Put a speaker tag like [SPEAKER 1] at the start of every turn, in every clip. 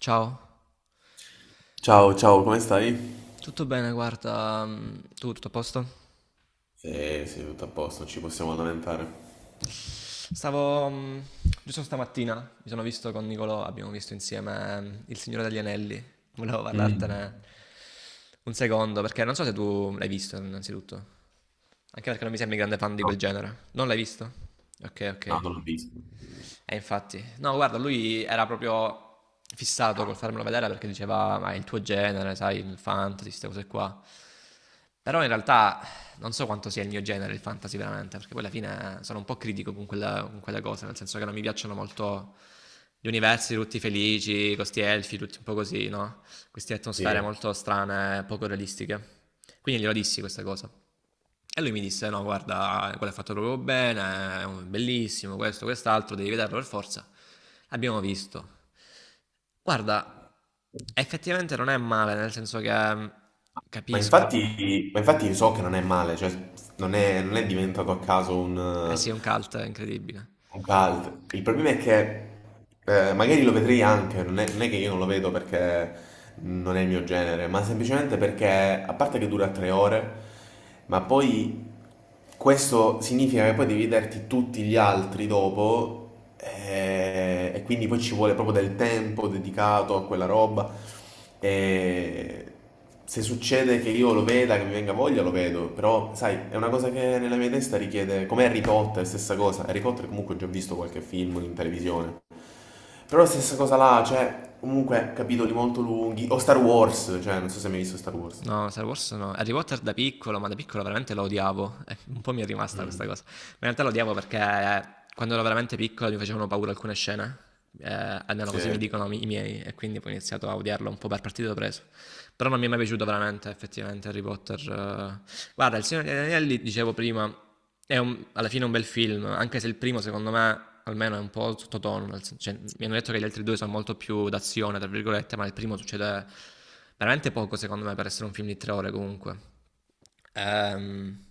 [SPEAKER 1] Ciao,
[SPEAKER 2] Ciao, ciao, come stai?
[SPEAKER 1] tutto bene, guarda, tu tutto a posto?
[SPEAKER 2] Sì, sì, tutto a posto, non ci possiamo lamentare.
[SPEAKER 1] Stavo, giusto stamattina, mi sono visto con Nicolò, abbiamo visto insieme Il Signore degli Anelli, volevo parlartene
[SPEAKER 2] Mm.
[SPEAKER 1] un secondo, perché non so se tu l'hai visto innanzitutto, anche perché non mi sembri grande fan di quel
[SPEAKER 2] No,
[SPEAKER 1] genere, non l'hai visto? Ok,
[SPEAKER 2] no,
[SPEAKER 1] ok.
[SPEAKER 2] non l'ho visto.
[SPEAKER 1] E infatti, no, guarda, lui era proprio fissato col farmelo vedere perché diceva, ma è il tuo genere, sai, il fantasy, queste cose qua. Però in realtà non so quanto sia il mio genere il fantasy veramente, perché poi alla fine sono un po' critico con, con quelle cose, nel senso che non mi piacciono molto gli universi tutti felici, questi elfi, tutti un po' così, no? Queste atmosfere
[SPEAKER 2] Sì.
[SPEAKER 1] molto strane, poco realistiche. Quindi glielo dissi questa cosa. E lui mi disse: No, guarda, quello è fatto proprio bene, è bellissimo, questo, quest'altro, devi vederlo per forza. L'abbiamo visto. Guarda, effettivamente non è male, nel senso che
[SPEAKER 2] Ma
[SPEAKER 1] capisco.
[SPEAKER 2] infatti, ma infatti so che non è male, cioè non è diventato a caso un,
[SPEAKER 1] Eh sì, è un cult incredibile.
[SPEAKER 2] Un cult. Il problema è che magari lo vedrei anche, non è che io non lo vedo perché non è il mio genere, ma semplicemente perché, a parte che dura 3 ore, ma poi questo significa che poi devi vederti tutti gli altri dopo, e quindi poi ci vuole proprio del tempo dedicato a quella roba. E se succede che io lo veda, che mi venga voglia, lo vedo, però sai, è una cosa che nella mia testa richiede, come Harry Potter, stessa cosa, Harry Potter comunque ho già visto qualche film in televisione, però la stessa cosa là, cioè, comunque capitoli molto lunghi, o Star Wars, cioè, non so se hai mai visto Star Wars.
[SPEAKER 1] No, Star Wars no. Harry Potter da piccolo, ma da piccolo veramente lo odiavo. Un po' mi è rimasta questa
[SPEAKER 2] Mm,
[SPEAKER 1] cosa. Ma in realtà lo odiavo perché quando ero veramente piccolo mi facevano paura alcune scene. Almeno così mi
[SPEAKER 2] sì.
[SPEAKER 1] dicono i miei, e quindi poi ho iniziato a odiarlo un po' per partito preso. Però non mi è mai piaciuto veramente, effettivamente, Harry Potter. Guarda, il Signore degli Anelli, dicevo prima, è alla fine un bel film, anche se il primo secondo me almeno è un po' sottotono, cioè, mi hanno detto che gli altri due sono molto più d'azione, tra virgolette, ma il primo succede veramente poco secondo me per essere un film di tre ore comunque. Ehm,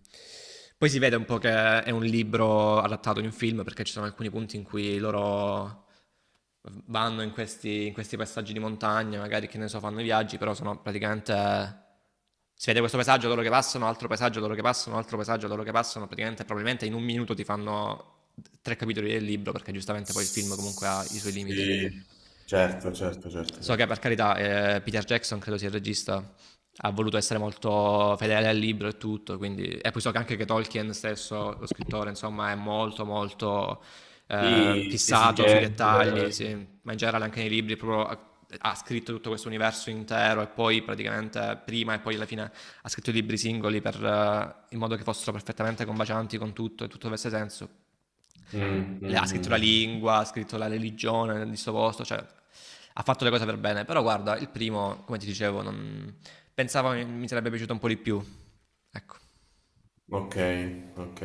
[SPEAKER 1] poi si vede un po' che è un libro adattato in un film perché ci sono alcuni punti in cui loro vanno in questi passaggi di montagna, magari che ne so, fanno i viaggi, però sono praticamente si vede questo paesaggio, loro che passano, altro paesaggio, loro che passano, altro paesaggio, loro che passano, praticamente probabilmente in un minuto ti fanno tre capitoli del libro perché giustamente poi il film comunque ha i suoi
[SPEAKER 2] Sì,
[SPEAKER 1] limiti.
[SPEAKER 2] certo, certo, certo,
[SPEAKER 1] So che per
[SPEAKER 2] certo.
[SPEAKER 1] carità Peter Jackson, credo sia il regista, ha voluto essere molto fedele al libro e tutto, quindi... e poi so che anche che Tolkien stesso, lo scrittore, insomma, è molto molto
[SPEAKER 2] Sì,
[SPEAKER 1] fissato sui
[SPEAKER 2] esigente.
[SPEAKER 1] dettagli, sì. Ma in generale anche nei libri proprio ha scritto tutto questo universo intero e poi praticamente prima e poi alla fine ha scritto i libri singoli per, in modo che fossero perfettamente combacianti con tutto e tutto avesse senso.
[SPEAKER 2] Mm, mm,
[SPEAKER 1] Ha scritto
[SPEAKER 2] mm,
[SPEAKER 1] la
[SPEAKER 2] mm.
[SPEAKER 1] lingua, ha scritto la religione di sto posto, cioè ha fatto le cose per bene, però guarda, il primo, come ti dicevo, non... pensavo mi sarebbe piaciuto un po' di più. Ecco.
[SPEAKER 2] Ok, ok.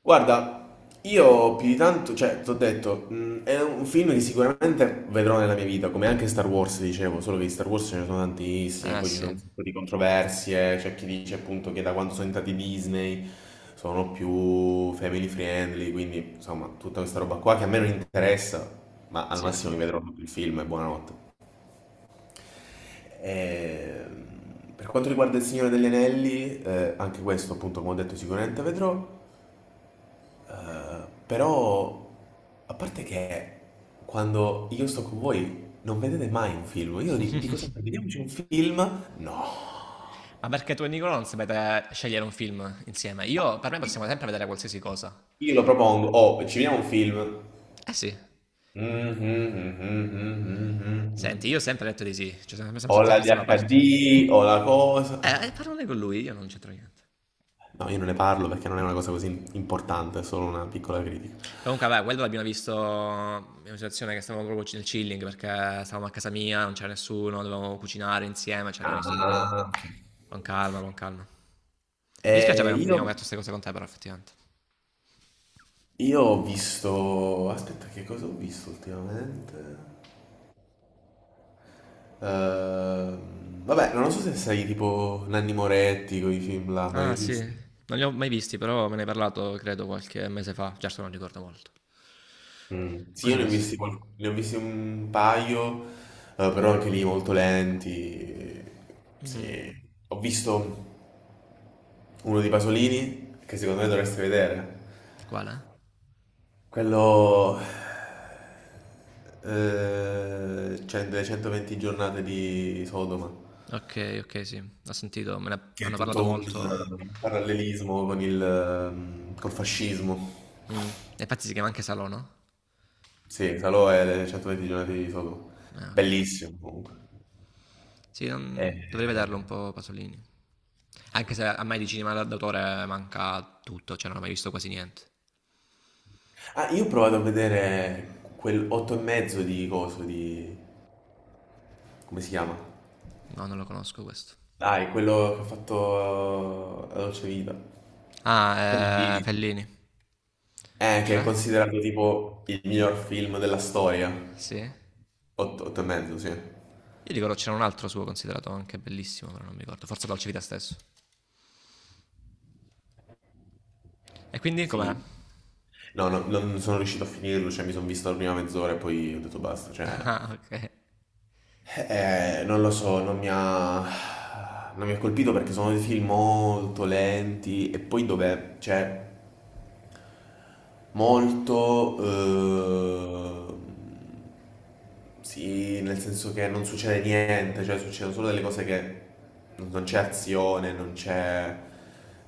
[SPEAKER 2] Guarda, io più di tanto, cioè, ti ho detto, è un film che sicuramente vedrò nella mia vita, come anche Star Wars, dicevo, solo che di Star Wars ce ne sono tantissimi,
[SPEAKER 1] Ah
[SPEAKER 2] poi ci
[SPEAKER 1] sì,
[SPEAKER 2] sono un sacco di controversie, c'è chi dice appunto che da quando sono entrati Disney sono più family friendly, quindi insomma, tutta questa roba qua che a me non interessa, ma al
[SPEAKER 1] sì,
[SPEAKER 2] massimo mi
[SPEAKER 1] sì.
[SPEAKER 2] vedrò tutto il film e buonanotte. E, per quanto riguarda Il Signore degli Anelli, anche questo appunto come ho detto sicuramente vedrò, però a parte che quando io sto con voi non vedete mai un film, io dico sempre vediamoci un film, no,
[SPEAKER 1] Ma perché tu e Nicola non sapete scegliere un film insieme?
[SPEAKER 2] no.
[SPEAKER 1] Io, per me possiamo sempre vedere qualsiasi cosa.
[SPEAKER 2] Io lo propongo, oh ci vediamo un film,
[SPEAKER 1] Eh sì.
[SPEAKER 2] mhm, mhm, mhm,
[SPEAKER 1] Senti, io ho
[SPEAKER 2] mhm,
[SPEAKER 1] sempre detto di sì, cioè sono
[SPEAKER 2] o
[SPEAKER 1] sempre,
[SPEAKER 2] la
[SPEAKER 1] sempre stato
[SPEAKER 2] DHD
[SPEAKER 1] aperto.
[SPEAKER 2] o la cosa,
[SPEAKER 1] Parlane con lui, io non c'entro niente.
[SPEAKER 2] no io non ne parlo perché non è una cosa così importante, è solo una piccola critica.
[SPEAKER 1] Comunque, vabbè, quello l'abbiamo visto in una situazione che stavamo proprio nel chilling perché stavamo a casa mia, non c'era nessuno, dovevamo cucinare insieme, ci abbiamo visto proprio
[SPEAKER 2] Ah, ok.
[SPEAKER 1] con calma, con calma. Mi dispiace
[SPEAKER 2] Eh,
[SPEAKER 1] perché non abbiamo
[SPEAKER 2] io,
[SPEAKER 1] detto queste cose con te, però, effettivamente.
[SPEAKER 2] io ho visto. Aspetta, che cosa ho visto ultimamente? Vabbè, non so se sei tipo Nanni Moretti con i film là, non li
[SPEAKER 1] Ah,
[SPEAKER 2] hai
[SPEAKER 1] sì,
[SPEAKER 2] visti?
[SPEAKER 1] non li ho mai visti, però me ne hai parlato, credo, qualche mese fa. Certo, non ricordo molto.
[SPEAKER 2] Mm. Sì,
[SPEAKER 1] Cosa
[SPEAKER 2] io
[SPEAKER 1] hai
[SPEAKER 2] ne ho
[SPEAKER 1] visto?
[SPEAKER 2] visti, qual- ne ho visti un paio, però anche lì molto lenti.
[SPEAKER 1] Mm.
[SPEAKER 2] Sì. Ho visto uno di Pasolini, che secondo me dovresti vedere.
[SPEAKER 1] Quale?
[SPEAKER 2] Quello, cioè, delle 120 giornate di Sodoma,
[SPEAKER 1] Ok, ok, sì, ho sentito, me ne
[SPEAKER 2] che è
[SPEAKER 1] hanno parlato
[SPEAKER 2] tutto un
[SPEAKER 1] molto.
[SPEAKER 2] eh, parallelismo col fascismo.
[SPEAKER 1] Mm. E infatti si chiama anche Salò, no?
[SPEAKER 2] Sì, Salò è le 120 giornate di Sodoma.
[SPEAKER 1] Ok.
[SPEAKER 2] Bellissimo comunque.
[SPEAKER 1] Sì, dovrebbe darlo un
[SPEAKER 2] Eh,
[SPEAKER 1] po' Pasolini. Anche se a me di cinema d'autore manca tutto, cioè non ho mai visto quasi niente.
[SPEAKER 2] Ah, io ho provato a vedere quel 8 e mezzo di coso di, come si chiama?
[SPEAKER 1] No, non lo conosco questo.
[SPEAKER 2] Dai, quello che ha fatto La Dolce Vita.
[SPEAKER 1] Ah,
[SPEAKER 2] Bellini.
[SPEAKER 1] Fellini.
[SPEAKER 2] Che è
[SPEAKER 1] Beh,
[SPEAKER 2] considerato tipo il miglior film della storia.
[SPEAKER 1] sì. Io
[SPEAKER 2] Otto e mezzo, sì.
[SPEAKER 1] ricordo c'era un altro suo considerato anche bellissimo, però non mi ricordo. Forse Dolce Vita stesso. E quindi com'è?
[SPEAKER 2] Sì. No, no, non sono riuscito a finirlo, cioè mi sono visto la prima mezz'ora e poi ho detto basta, cioè.
[SPEAKER 1] Ah, ok.
[SPEAKER 2] Non lo so, non mi ha colpito perché sono dei film molto lenti e poi dove, cioè, molto, sì, nel senso che non succede niente, cioè succedono solo delle cose che non c'è azione, non c'è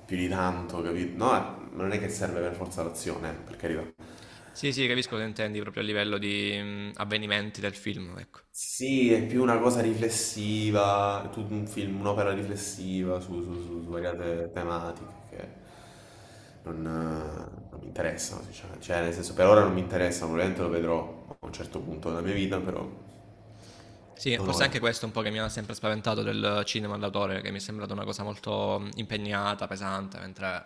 [SPEAKER 2] più di tanto, capito? No, ma non è che serve per forza l'azione, per carità.
[SPEAKER 1] Sì, sì, capisco cosa intendi proprio a livello di avvenimenti del film, ecco.
[SPEAKER 2] Sì, è più una cosa riflessiva, è tutto un film, un'opera riflessiva su variate tematiche che non mi interessano, sinceramente. Cioè, nel senso, per ora non mi interessano, probabilmente lo vedrò a un certo punto della mia vita, però
[SPEAKER 1] Sì,
[SPEAKER 2] non
[SPEAKER 1] forse
[SPEAKER 2] ora.
[SPEAKER 1] anche questo è un po' che mi ha sempre spaventato del cinema d'autore, che mi è sembrato una cosa molto impegnata, pesante, mentre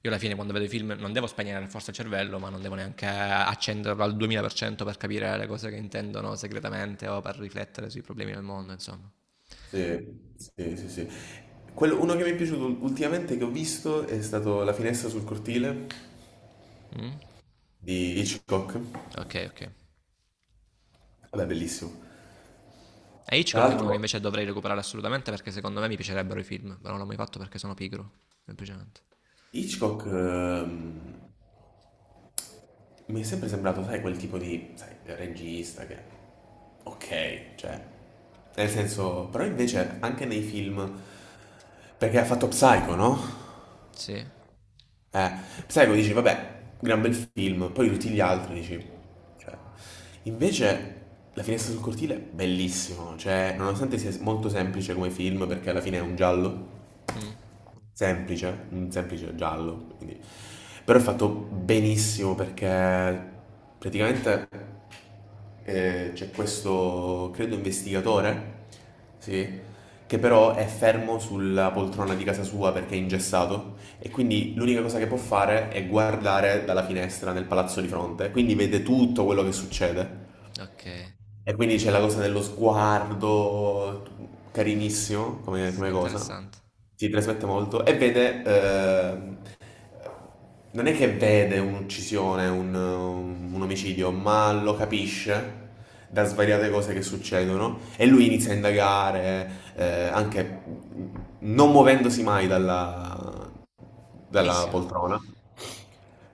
[SPEAKER 1] io alla fine quando vedo i film non devo spegnere forse il cervello, ma non devo neanche accenderlo al 2000% per cento per capire le cose che intendono segretamente o per riflettere sui problemi del mondo, insomma.
[SPEAKER 2] Sì, sì, sì, sì. Uno che mi è piaciuto ultimamente che ho visto è stato La finestra sul cortile
[SPEAKER 1] Mm?
[SPEAKER 2] di Hitchcock.
[SPEAKER 1] Ok, ok.
[SPEAKER 2] Vabbè, bellissimo.
[SPEAKER 1] E
[SPEAKER 2] Tra
[SPEAKER 1] Hitchcock è uno che
[SPEAKER 2] l'altro,
[SPEAKER 1] invece dovrei recuperare assolutamente perché secondo me mi piacerebbero i film, però non l'ho mai fatto perché sono pigro, semplicemente.
[SPEAKER 2] Hitchcock mi è sempre sembrato, sai, quel tipo di, sai, regista che, ok, cioè, nel senso. Però invece anche nei film, perché ha fatto Psycho, no?
[SPEAKER 1] Sì?
[SPEAKER 2] Eh, Psycho dici, vabbè, gran bel film, poi tutti gli altri dici, cioè, invece, La finestra sul cortile è bellissimo, cioè, nonostante sia molto semplice come film, perché alla fine è un giallo,
[SPEAKER 1] Mm.
[SPEAKER 2] semplice, un semplice giallo, quindi. Però è fatto benissimo perché praticamente c'è questo, credo, investigatore, sì, che però è fermo sulla poltrona di casa sua perché è ingessato e quindi l'unica cosa che può fare è guardare dalla finestra nel palazzo di fronte, quindi vede tutto quello che succede.
[SPEAKER 1] Ok.
[SPEAKER 2] E quindi c'è la cosa dello sguardo, carinissimo come,
[SPEAKER 1] Sì,
[SPEAKER 2] come cosa,
[SPEAKER 1] interessante.
[SPEAKER 2] si trasmette molto, e vede, non è che vede un'uccisione, un omicidio, ma lo capisce da svariate cose che succedono e lui inizia a indagare, anche non muovendosi mai dalla
[SPEAKER 1] Bellissima.
[SPEAKER 2] poltrona,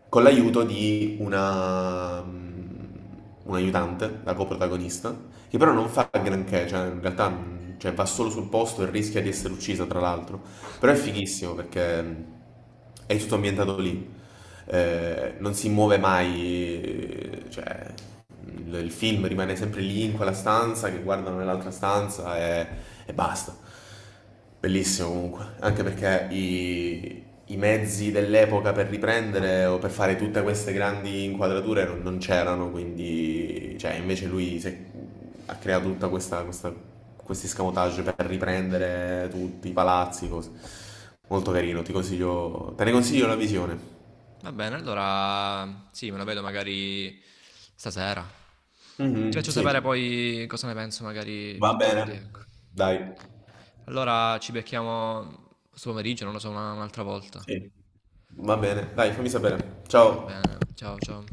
[SPEAKER 2] con l'aiuto di un aiutante, la coprotagonista, che però non fa granché, cioè in realtà, cioè, va solo sul posto e rischia di essere uccisa, tra l'altro. Però è fighissimo perché è tutto ambientato lì. Non si muove mai, cioè il film rimane sempre lì in quella stanza che guardano nell'altra stanza e basta. Bellissimo comunque, anche perché i mezzi dell'epoca per riprendere o per fare tutte queste grandi inquadrature non c'erano, quindi cioè, invece lui si è ha creato tutta questi scamotage per riprendere tutti i palazzi, cose. Molto carino, te ne consiglio la visione.
[SPEAKER 1] Va bene, allora sì, me lo vedo magari stasera. Ti
[SPEAKER 2] Mhm,
[SPEAKER 1] faccio
[SPEAKER 2] sì.
[SPEAKER 1] sapere poi cosa ne penso magari
[SPEAKER 2] Va
[SPEAKER 1] più
[SPEAKER 2] bene.
[SPEAKER 1] tardi, ecco.
[SPEAKER 2] Dai.
[SPEAKER 1] Allora ci becchiamo questo pomeriggio, non lo so, un'altra volta.
[SPEAKER 2] Sì. Va bene, dai, fammi sapere.
[SPEAKER 1] Va
[SPEAKER 2] Ciao.
[SPEAKER 1] bene, ciao ciao.